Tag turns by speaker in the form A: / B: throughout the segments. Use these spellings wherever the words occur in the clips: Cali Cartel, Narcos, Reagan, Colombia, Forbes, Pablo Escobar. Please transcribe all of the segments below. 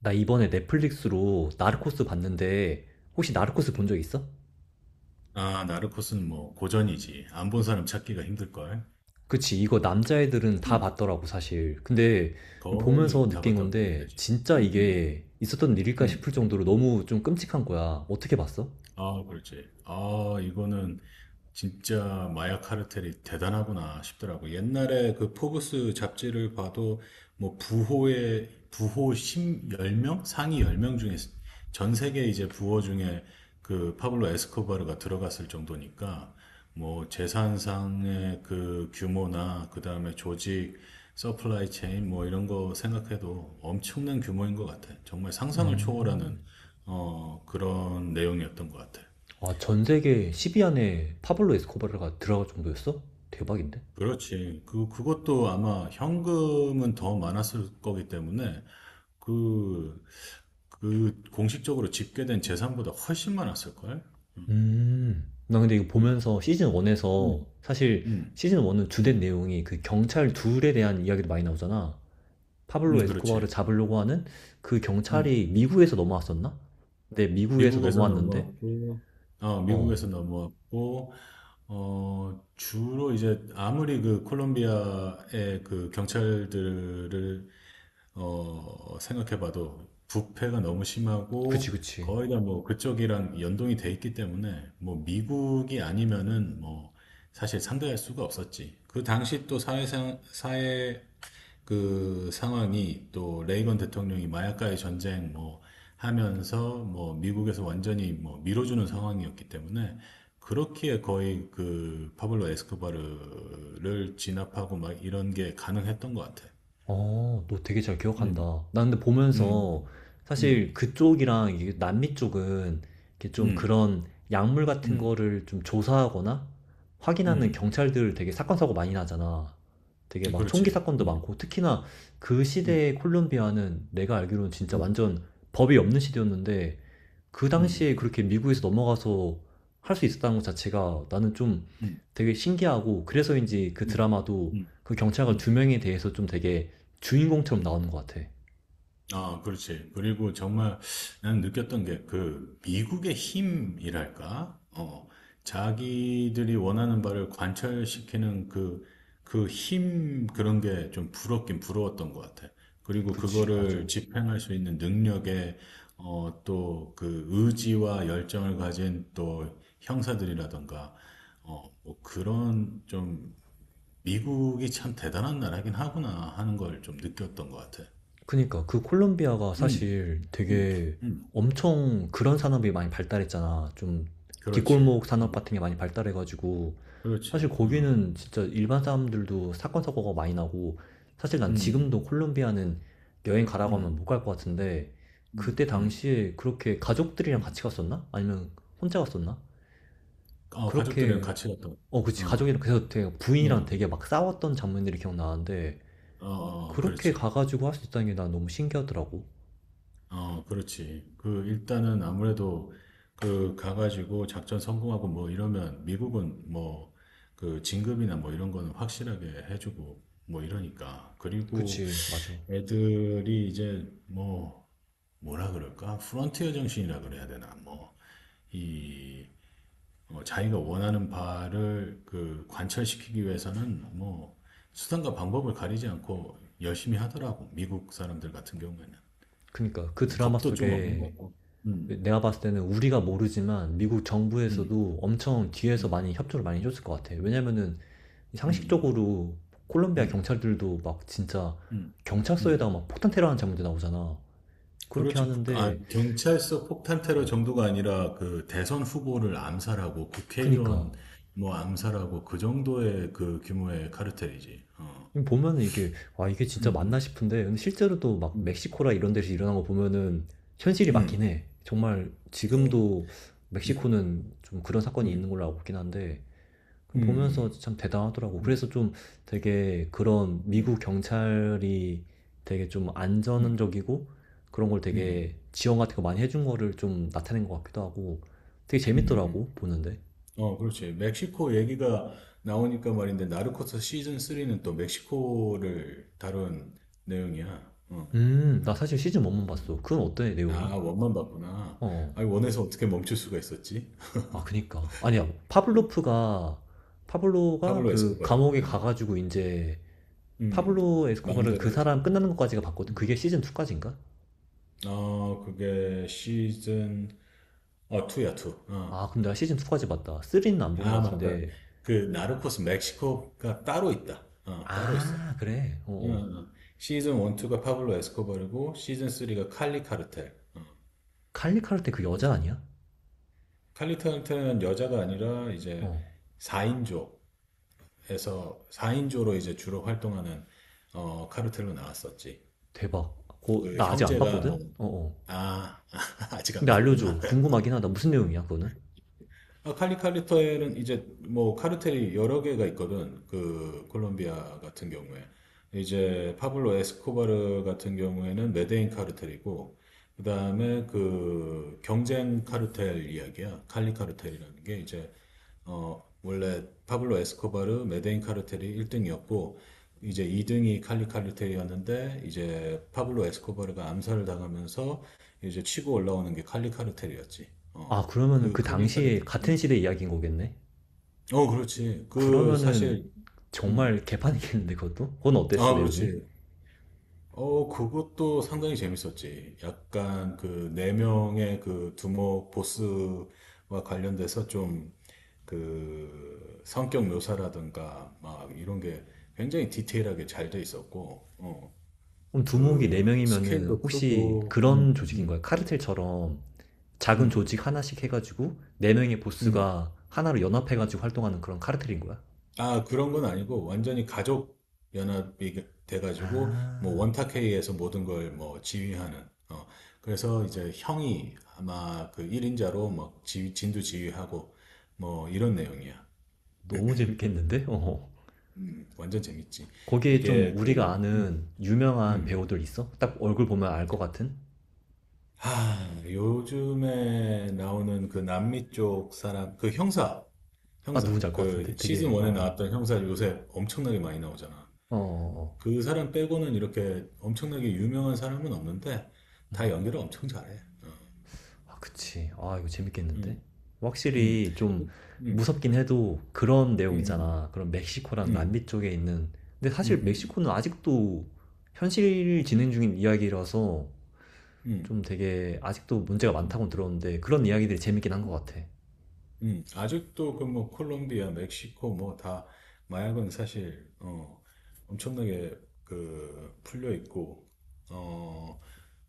A: 나 이번에 넷플릭스로 나르코스 봤는데 혹시 나르코스 본 적 있어?
B: 아, 나르코스는 뭐 고전이지. 안 본 사람 찾기가 힘들걸.
A: 그치, 이거 남자애들은 다
B: 응.
A: 봤더라고, 사실. 근데
B: 거의
A: 보면서
B: 다
A: 느낀
B: 봤다고 보면
A: 건데
B: 되지.
A: 진짜
B: 음. 음.
A: 이게 있었던 일일까
B: 음.
A: 싶을 정도로 너무 좀 끔찍한 거야. 어떻게 봤어?
B: 아, 그렇지. 아, 이거는 진짜 마약 카르텔이 대단하구나 싶더라고. 옛날에 그 포브스 잡지를 봐도 뭐 부호의 부호 10, 명 상위 10명 중에 전 세계 이제 부호 중에 그 파블로 에스코바르가 들어갔을 정도니까 뭐 재산상의 그 규모나 그다음에 조직 서플라이 체인 뭐 이런 거 생각해도 엄청난 규모인 것 같아. 정말 상상을
A: 음,
B: 초월하는 어, 그런 내용이었던 것 같아.
A: 아, 전 세계 10위 안에 파블로 에스코바르가 들어갈 정도였어? 대박인데?
B: 그렇지. 그것도 아마 현금은 더 많았을 거기 때문에 그, 그 공식적으로 집계된 재산보다 훨씬 많았을걸? 응,
A: 나 근데 이거
B: 응,
A: 보면서 시즌
B: 응,
A: 1에서 사실
B: 응,
A: 시즌 1은 주된
B: 응,
A: 내용이 그 경찰 둘에 대한 이야기도 많이 나오잖아.
B: 응,
A: 파블로 에스코바를
B: 그렇지.
A: 잡으려고 하는 그
B: 응.
A: 경찰이 미국에서 넘어왔었나? 근데 미국에서
B: 미국에서
A: 넘어왔는데,
B: 넘어왔고, 어,
A: 어,
B: 미국에서 넘어왔고, 어, 주로 이제 아무리 그 콜롬비아의 그 경찰들을 어, 생각해봐도 부패가 너무
A: 그치,
B: 심하고
A: 그치.
B: 거의 다 뭐 그쪽이랑 연동이 돼 있기 때문에 뭐 미국이 아니면은 뭐 사실 상대할 수가 없었지. 그 당시 또 사회상, 사회 그 상황이 또 레이건 대통령이 마약과의 전쟁 뭐 하면서 뭐 미국에서 완전히 뭐 밀어주는 상황이었기 때문에 그렇기에 거의 그 파블로 에스코바르를 진압하고 막 이런 게 가능했던 것 같아.
A: 어, 너 되게 잘 기억한다.
B: 음.
A: 나 근데 보면서
B: 음. 음.
A: 사실 그쪽이랑 이게 남미 쪽은 이렇게 좀
B: 음.
A: 그런 약물 같은
B: 음.
A: 거를 좀 조사하거나 확인하는
B: 음.
A: 경찰들 되게 사건 사고 많이 나잖아. 되게 막 총기
B: 그렇지.
A: 사건도
B: 음.
A: 많고 특히나 그
B: 음.
A: 시대의 콜롬비아는 내가 알기로는 진짜
B: 음.
A: 완전 법이 없는 시대였는데, 그
B: 음.
A: 당시에
B: 음.
A: 그렇게 미국에서 넘어가서 할 수 있었다는 것 자체가 나는 좀
B: 음.
A: 되게 신기하고, 그래서인지 그
B: 음.
A: 드라마도
B: 음.
A: 그 경찰관
B: 음.
A: 두 명에 대해서 좀 되게 주인공처럼
B: 음.
A: 나오는 것 같아.
B: 아, 그렇지. 그리고 정말 난 느꼈던 게 그 미국의 힘이랄까? 어, 자기들이 원하는 바를 관철시키는 그, 그 힘 그런 게 좀 부럽긴 부러웠던 것 같아. 그리고
A: 그치, 맞아.
B: 그거를 집행할 수 있는 능력에, 어, 또 그 의지와 열정을 가진 또 형사들이라던가, 어, 뭐 그런 좀 미국이 참 대단한 나라긴 하구나 하는 걸 좀 느꼈던 것 같아.
A: 그니까 그 콜롬비아가
B: 음.
A: 사실
B: 음.
A: 되게
B: 음.
A: 엄청 그런 산업이 많이 발달했잖아. 좀
B: 그렇지.
A: 뒷골목 산업
B: 음.
A: 같은 게 많이 발달해가지고 사실
B: 그렇지. 어.
A: 거기는 진짜 일반 사람들도 사건 사고가 많이 나고, 사실 난
B: 음.
A: 지금도 콜롬비아는 여행 가라고 하면
B: 음.
A: 못 갈 것 같은데
B: 음.
A: 그때
B: 음.
A: 당시에 그렇게 가족들이랑
B: 음.
A: 같이 갔었나? 아니면 혼자 갔었나?
B: 어, 가족들이랑
A: 그렇게
B: 같이 갔다. 오-
A: 어 그치
B: 어.
A: 가족이랑, 그래서 되게 부인이랑
B: 어.
A: 되게 막 싸웠던 장면들이 기억나는데
B: 어. 어.
A: 그렇게
B: 그렇지.
A: 가가지고 할 수 있다는 게 난 너무 신기하더라고.
B: 어, 그렇지. 그 일단은 아무래도 그 가가지고 작전 성공하고 뭐 이러면 미국은 뭐 그 진급이나 뭐 이런 거는 확실하게 해주고 뭐 이러니까. 그리고
A: 그치 맞아.
B: 애들이 이제 뭐 뭐라 그럴까? 프론티어 정신이라 그래야 되나? 뭐이 어, 자기가 원하는 바를 그 관철시키기 위해서는 뭐 수단과 방법을 가리지 않고 열심히 하더라고. 미국 사람들 같은 경우에는.
A: 그니까 그 드라마
B: 겁도 좀 없는 것
A: 속에
B: 같고. 음,
A: 내가 봤을 때는 우리가 모르지만 미국
B: 음,
A: 정부에서도 엄청 뒤에서
B: 음,
A: 많이 협조를 많이 해줬을 것 같아. 왜냐면은
B: 음,
A: 상식적으로
B: 음,
A: 콜롬비아
B: 음,
A: 경찰들도 막 진짜
B: 음.
A: 경찰서에다가
B: 음.
A: 막 폭탄 테러하는 장면도 나오잖아. 그렇게
B: 그렇지. 아,
A: 하는데,
B: 경찰서 폭탄 테러
A: 어,
B: 정도가 아니라 그 대선 후보를 암살하고
A: 그니까.
B: 국회의원 뭐 암살하고 그 정도의 그 규모의 카르텔이지. 어.
A: 보면은 이게, 와, 이게
B: 음,
A: 진짜 맞나
B: 음,
A: 싶은데, 근데 실제로 도 막
B: 음,
A: 멕시코라 이런 데서 일어난 거 보면은 현실이 맞긴
B: 음.
A: 해. 정말
B: 어.
A: 지금도 멕시코는 좀 그런 사건이 있는
B: 음,
A: 걸로 알고 있긴 한데, 보면서
B: 음,
A: 참 대단하더라고.
B: 음,
A: 그래서
B: 음,
A: 좀 되게 그런
B: 음.
A: 미국 경찰이 되게 좀
B: 음.
A: 안전적이고 그런 걸
B: 음.
A: 되게 지원 같은 거 많이 해준 거를 좀 나타낸 것 같기도 하고 되게
B: 음음 음.
A: 재밌더라고, 보는데.
B: 어 그렇지. 멕시코 얘기가 나오니까 말인데 나르코스 시즌 3는 또 멕시코를 다룬 내용이야. 어.
A: 나 사실 시즌 1만
B: 음.
A: 봤어. 그건 어때, 내용이?
B: 아, 원만 봤구나.
A: 어.
B: 아니, 원에서 어떻게 멈출 수가 있었지?
A: 아, 그니까. 아니야,
B: 음.
A: 파블로가
B: 파블로
A: 그
B: 에스코바를.
A: 감옥에
B: 음.
A: 가가지고 이제
B: 음.
A: 파블로 에스코바르
B: 마음대로
A: 그
B: 하지.
A: 사람 끝나는 것까지가 봤거든.
B: 음.
A: 그게 시즌 2까지인가?
B: 어, 그게 시즌 어 2야, 2.
A: 아,
B: 어.
A: 근데 나 시즌 2까지 봤다. 3는 안 본
B: 아,
A: 것
B: 맞다.
A: 같은데.
B: 그 나르코스 멕시코가 따로 있다. 어, 따로 있어.
A: 아, 그래.
B: 응,
A: 어, 어.
B: 응. 시즌 1, 2가 파블로 에스코바르고 시즌 3가 칼리 카르텔. 어.
A: 칼리 카르테 그 여자
B: 그래서
A: 아니야?
B: 칼리 카르텔은 여자가 아니라 이제
A: 어,
B: 4인조에서 4인조로 이제 주로 활동하는 어, 카르텔로 나왔었지.
A: 대박. 고,
B: 그
A: 나 아직 안
B: 형제가 뭐
A: 봤거든? 어, 어.
B: 아, 아직 안
A: 근데
B: 봤구나.
A: 알려줘. 궁금하긴 하다. 무슨 내용이야, 그거는?
B: 아, 칼리 칼리터에는 이제 뭐 카르텔이 여러 개가 있거든. 그 콜롬비아 같은 경우에 이제 파블로 에스코바르 같은 경우에는 메데인 카르텔이고 그다음에 그 경쟁 카르텔 이야기야. 칼리 카르텔이라는 게 이제 어 원래 파블로 에스코바르 메데인 카르텔이 1등이었고 이제 2등이 칼리 카르텔이었는데 이제 파블로 에스코바르가 암살을 당하면서 이제 치고 올라오는 게 칼리 카르텔이었지.
A: 아,
B: 어.
A: 그러면은
B: 그
A: 그
B: 칼리 카르텔
A: 당시에 같은 시대 이야기인 거겠네?
B: 어, 그렇지. 그,
A: 그러면은
B: 사실, 음.
A: 정말 개판이겠는데, 그것도? 그건 어땠어,
B: 아,
A: 내용이?
B: 그렇지. 어, 그것도 상당히 재밌었지. 약간 그, 네 명의 그 두목 보스와 관련돼서 좀, 그, 성격 묘사라든가, 막, 이런 게 굉장히 디테일하게 잘 돼 있었고, 어,
A: 그럼 두목이
B: 그,
A: 4명이면은
B: 스케일도
A: 혹시
B: 크고,
A: 그런 조직인 거야? 카르텔처럼 작은
B: 음,
A: 조직 하나씩 해가지고 4명의
B: 음.
A: 보스가 하나로 연합해가지고 활동하는 그런 카르텔인 거야?
B: 아, 그런 건 아니고, 완전히 가족 연합이 돼가지고, 뭐,
A: 아,
B: 원탁회의에서 모든 걸 뭐, 지휘하는, 어, 그래서 이제 형이 아마 그 1인자로 막 진두 지휘하고, 뭐, 이런 내용이야.
A: 너무 재밌겠는데? 어.
B: 완전 재밌지.
A: 거기에 좀
B: 이게
A: 우리가
B: 그,
A: 아는 유명한
B: 음.
A: 배우들 있어? 딱 얼굴 보면 알 것 같은?
B: 아, 요즘에 나오는 그 남미 쪽 사람, 그
A: 아,
B: 형사,
A: 누군지 알 것
B: 그
A: 같은데?
B: 시즌
A: 되게,
B: 1에
A: 어,
B: 나왔던 형사 요새 엄청나게 많이 나오잖아.
A: 어, 어, 어, 어.
B: 그 사람 빼고는 이렇게 엄청나게 유명한 사람은 없는데 다 연기를 엄청 잘해. 어,
A: 아, 그치. 아, 이거
B: 음,
A: 재밌겠는데?
B: 음,
A: 확실히 좀
B: 음, 음,
A: 무섭긴 해도 그런 내용
B: 음,
A: 있잖아. 그런 멕시코랑
B: 음,
A: 남미 쪽에 있는. 근데
B: 음,
A: 사실
B: 음, 음,
A: 멕시코는 아직도 현실 진행 중인 이야기라서
B: 음, 음.
A: 좀 되게 아직도 문제가
B: 음,
A: 많다고 들었는데 그런 이야기들이 재밌긴 한 것 같아.
B: 아직도 그 뭐 콜롬비아, 멕시코 뭐 다 마약은 사실 어, 엄청나게 그 풀려 있고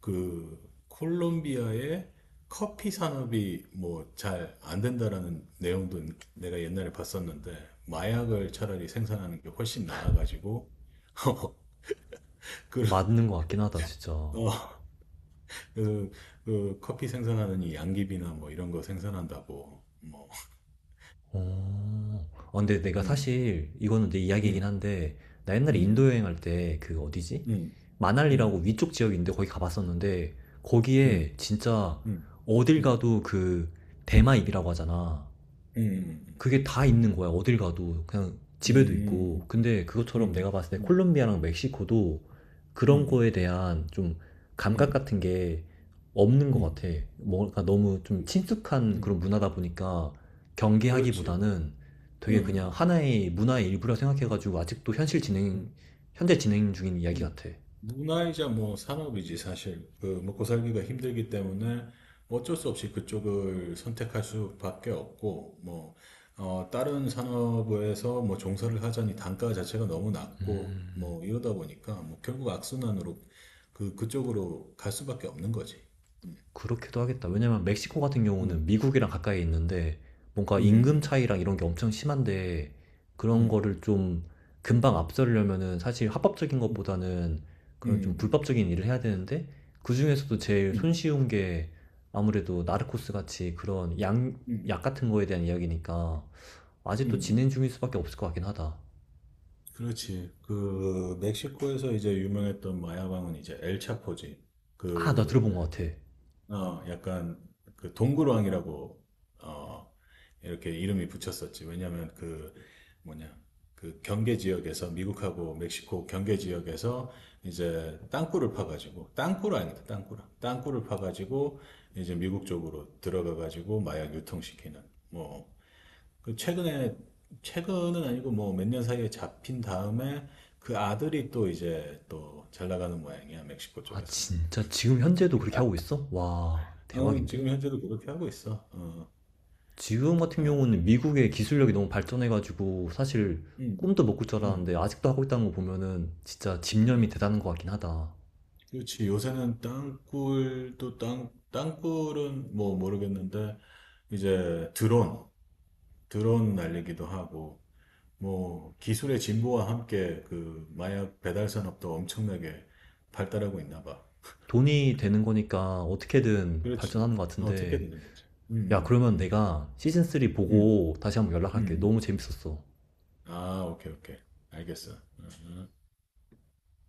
B: 그 콜롬비아의 커피 산업이 뭐 잘 안 된다라는 내용도 내가 옛날에 봤었는데 마약을 차라리 생산하는 게 훨씬 나아가지고 그,
A: 맞는 것 같긴 하다, 진짜.
B: 어, 그, 그 커피 생산하는 이 양귀비나 뭐 이런 거 생산한다고 뭐
A: 어. 아 근데 내가
B: 음,
A: 사실 이거는 내 이야기이긴
B: 음,
A: 한데 나 옛날에
B: 음,
A: 인도 여행할 때 그 어디지?
B: 음, 음,
A: 마날리라고 위쪽 지역인데 거기 가봤었는데
B: 음,
A: 거기에 진짜
B: 음,
A: 어딜
B: 음,
A: 가도 그 대마입이라고 하잖아.
B: 음, 음,
A: 그게 다 있는 거야. 어딜 가도 그냥 집에도
B: 음,
A: 있고.
B: 음, 음,
A: 근데 그것처럼
B: 음,
A: 내가 봤을 때 콜롬비아랑 멕시코도
B: 음,
A: 그런
B: 음,
A: 거에 대한 좀 감각
B: 음,
A: 같은 게 없는 것
B: 음,
A: 같아. 뭔가 너무 좀
B: 음,
A: 친숙한
B: 음,
A: 그런 문화다 보니까
B: 그렇지.
A: 경계하기보다는
B: 음,
A: 되게 그냥
B: 음,
A: 하나의 문화의 일부라 생각해가지고 현재 진행 중인 이야기
B: 음,
A: 같아.
B: 문화이자 뭐 산업이지 사실 그 먹고 살기가 힘들기 때문에 어쩔 수 없이 그쪽을 선택할 수밖에 없고 뭐 어, 다른 산업에서 뭐 종사를 하자니 단가 자체가 너무 낮고
A: 음.
B: 뭐 이러다 보니까 뭐 결국 악순환으로 그 그쪽으로 갈 수밖에 없는 거지.
A: 그렇기도 하겠다. 왜냐면 멕시코 같은
B: 음,
A: 경우는 미국이랑 가까이 있는데 뭔가 임금
B: 음,
A: 차이랑 이런 게 엄청 심한데 그런
B: 음,
A: 거를 좀 금방 앞서려면은 사실 합법적인
B: 음,
A: 것보다는 그런 좀
B: 음,
A: 불법적인 일을 해야 되는데 그중에서도 제일
B: 음, 음,
A: 손쉬운 게 아무래도 나르코스 같이 그런
B: 음,
A: 약 같은 거에 대한 이야기니까 아직도
B: 음.
A: 진행 중일 수밖에 없을 것 같긴 하다.
B: 그렇지. 그 멕시코에서 이제 유명했던 마야방은 이제 엘차포지.
A: 아, 나 들어본 것 같아.
B: 어, 약간 그 동굴왕이라고 어, 이렇게 이름이 붙였었지. 왜냐면 그 뭐냐 그 경계 지역에서 미국하고 멕시코 경계 지역에서 이제 땅굴을 파가지고 땅굴 아니다 땅굴 땅굴을 파가지고 이제 미국 쪽으로 들어가가지고 마약 유통시키는 뭐 그 최근에 최근은 아니고 뭐 몇 년 사이에 잡힌 다음에 그 아들이 또 이제 또 잘 나가는 모양이야 멕시코
A: 아,
B: 쪽에서는.
A: 진짜 지금 현재도 그렇게 하고 있어? 와,
B: 어,
A: 대박인데?
B: 지금 현재도 그렇게 하고 있어. 어,
A: 지금 같은
B: 아,
A: 경우는 미국의 기술력이
B: 음,
A: 너무 발전해가지고 사실
B: 음,
A: 꿈도 못 꿀 줄
B: 음,
A: 알았는데 아직도 하고 있다는 거 보면은 진짜 집념이
B: 음.
A: 대단한 것 같긴 하다.
B: 그렇지. 요새는 땅굴은 뭐 모르겠는데, 이제 드론 날리기도 하고, 뭐 기술의 진보와 함께 그 마약 배달 산업도 엄청나게 발달하고 있나 봐.
A: 돈이 되는 거니까 어떻게든
B: 그렇지.
A: 발전하는 것
B: 어떻게
A: 같은데,
B: 되는 거지?
A: 야
B: 음,
A: 그러면
B: 음,
A: 내가 시즌3
B: 음,
A: 보고 다시 한번 연락할게.
B: 음.
A: 너무 재밌었어.
B: 아, 오케이, 오케이. 알겠어. 어, 어.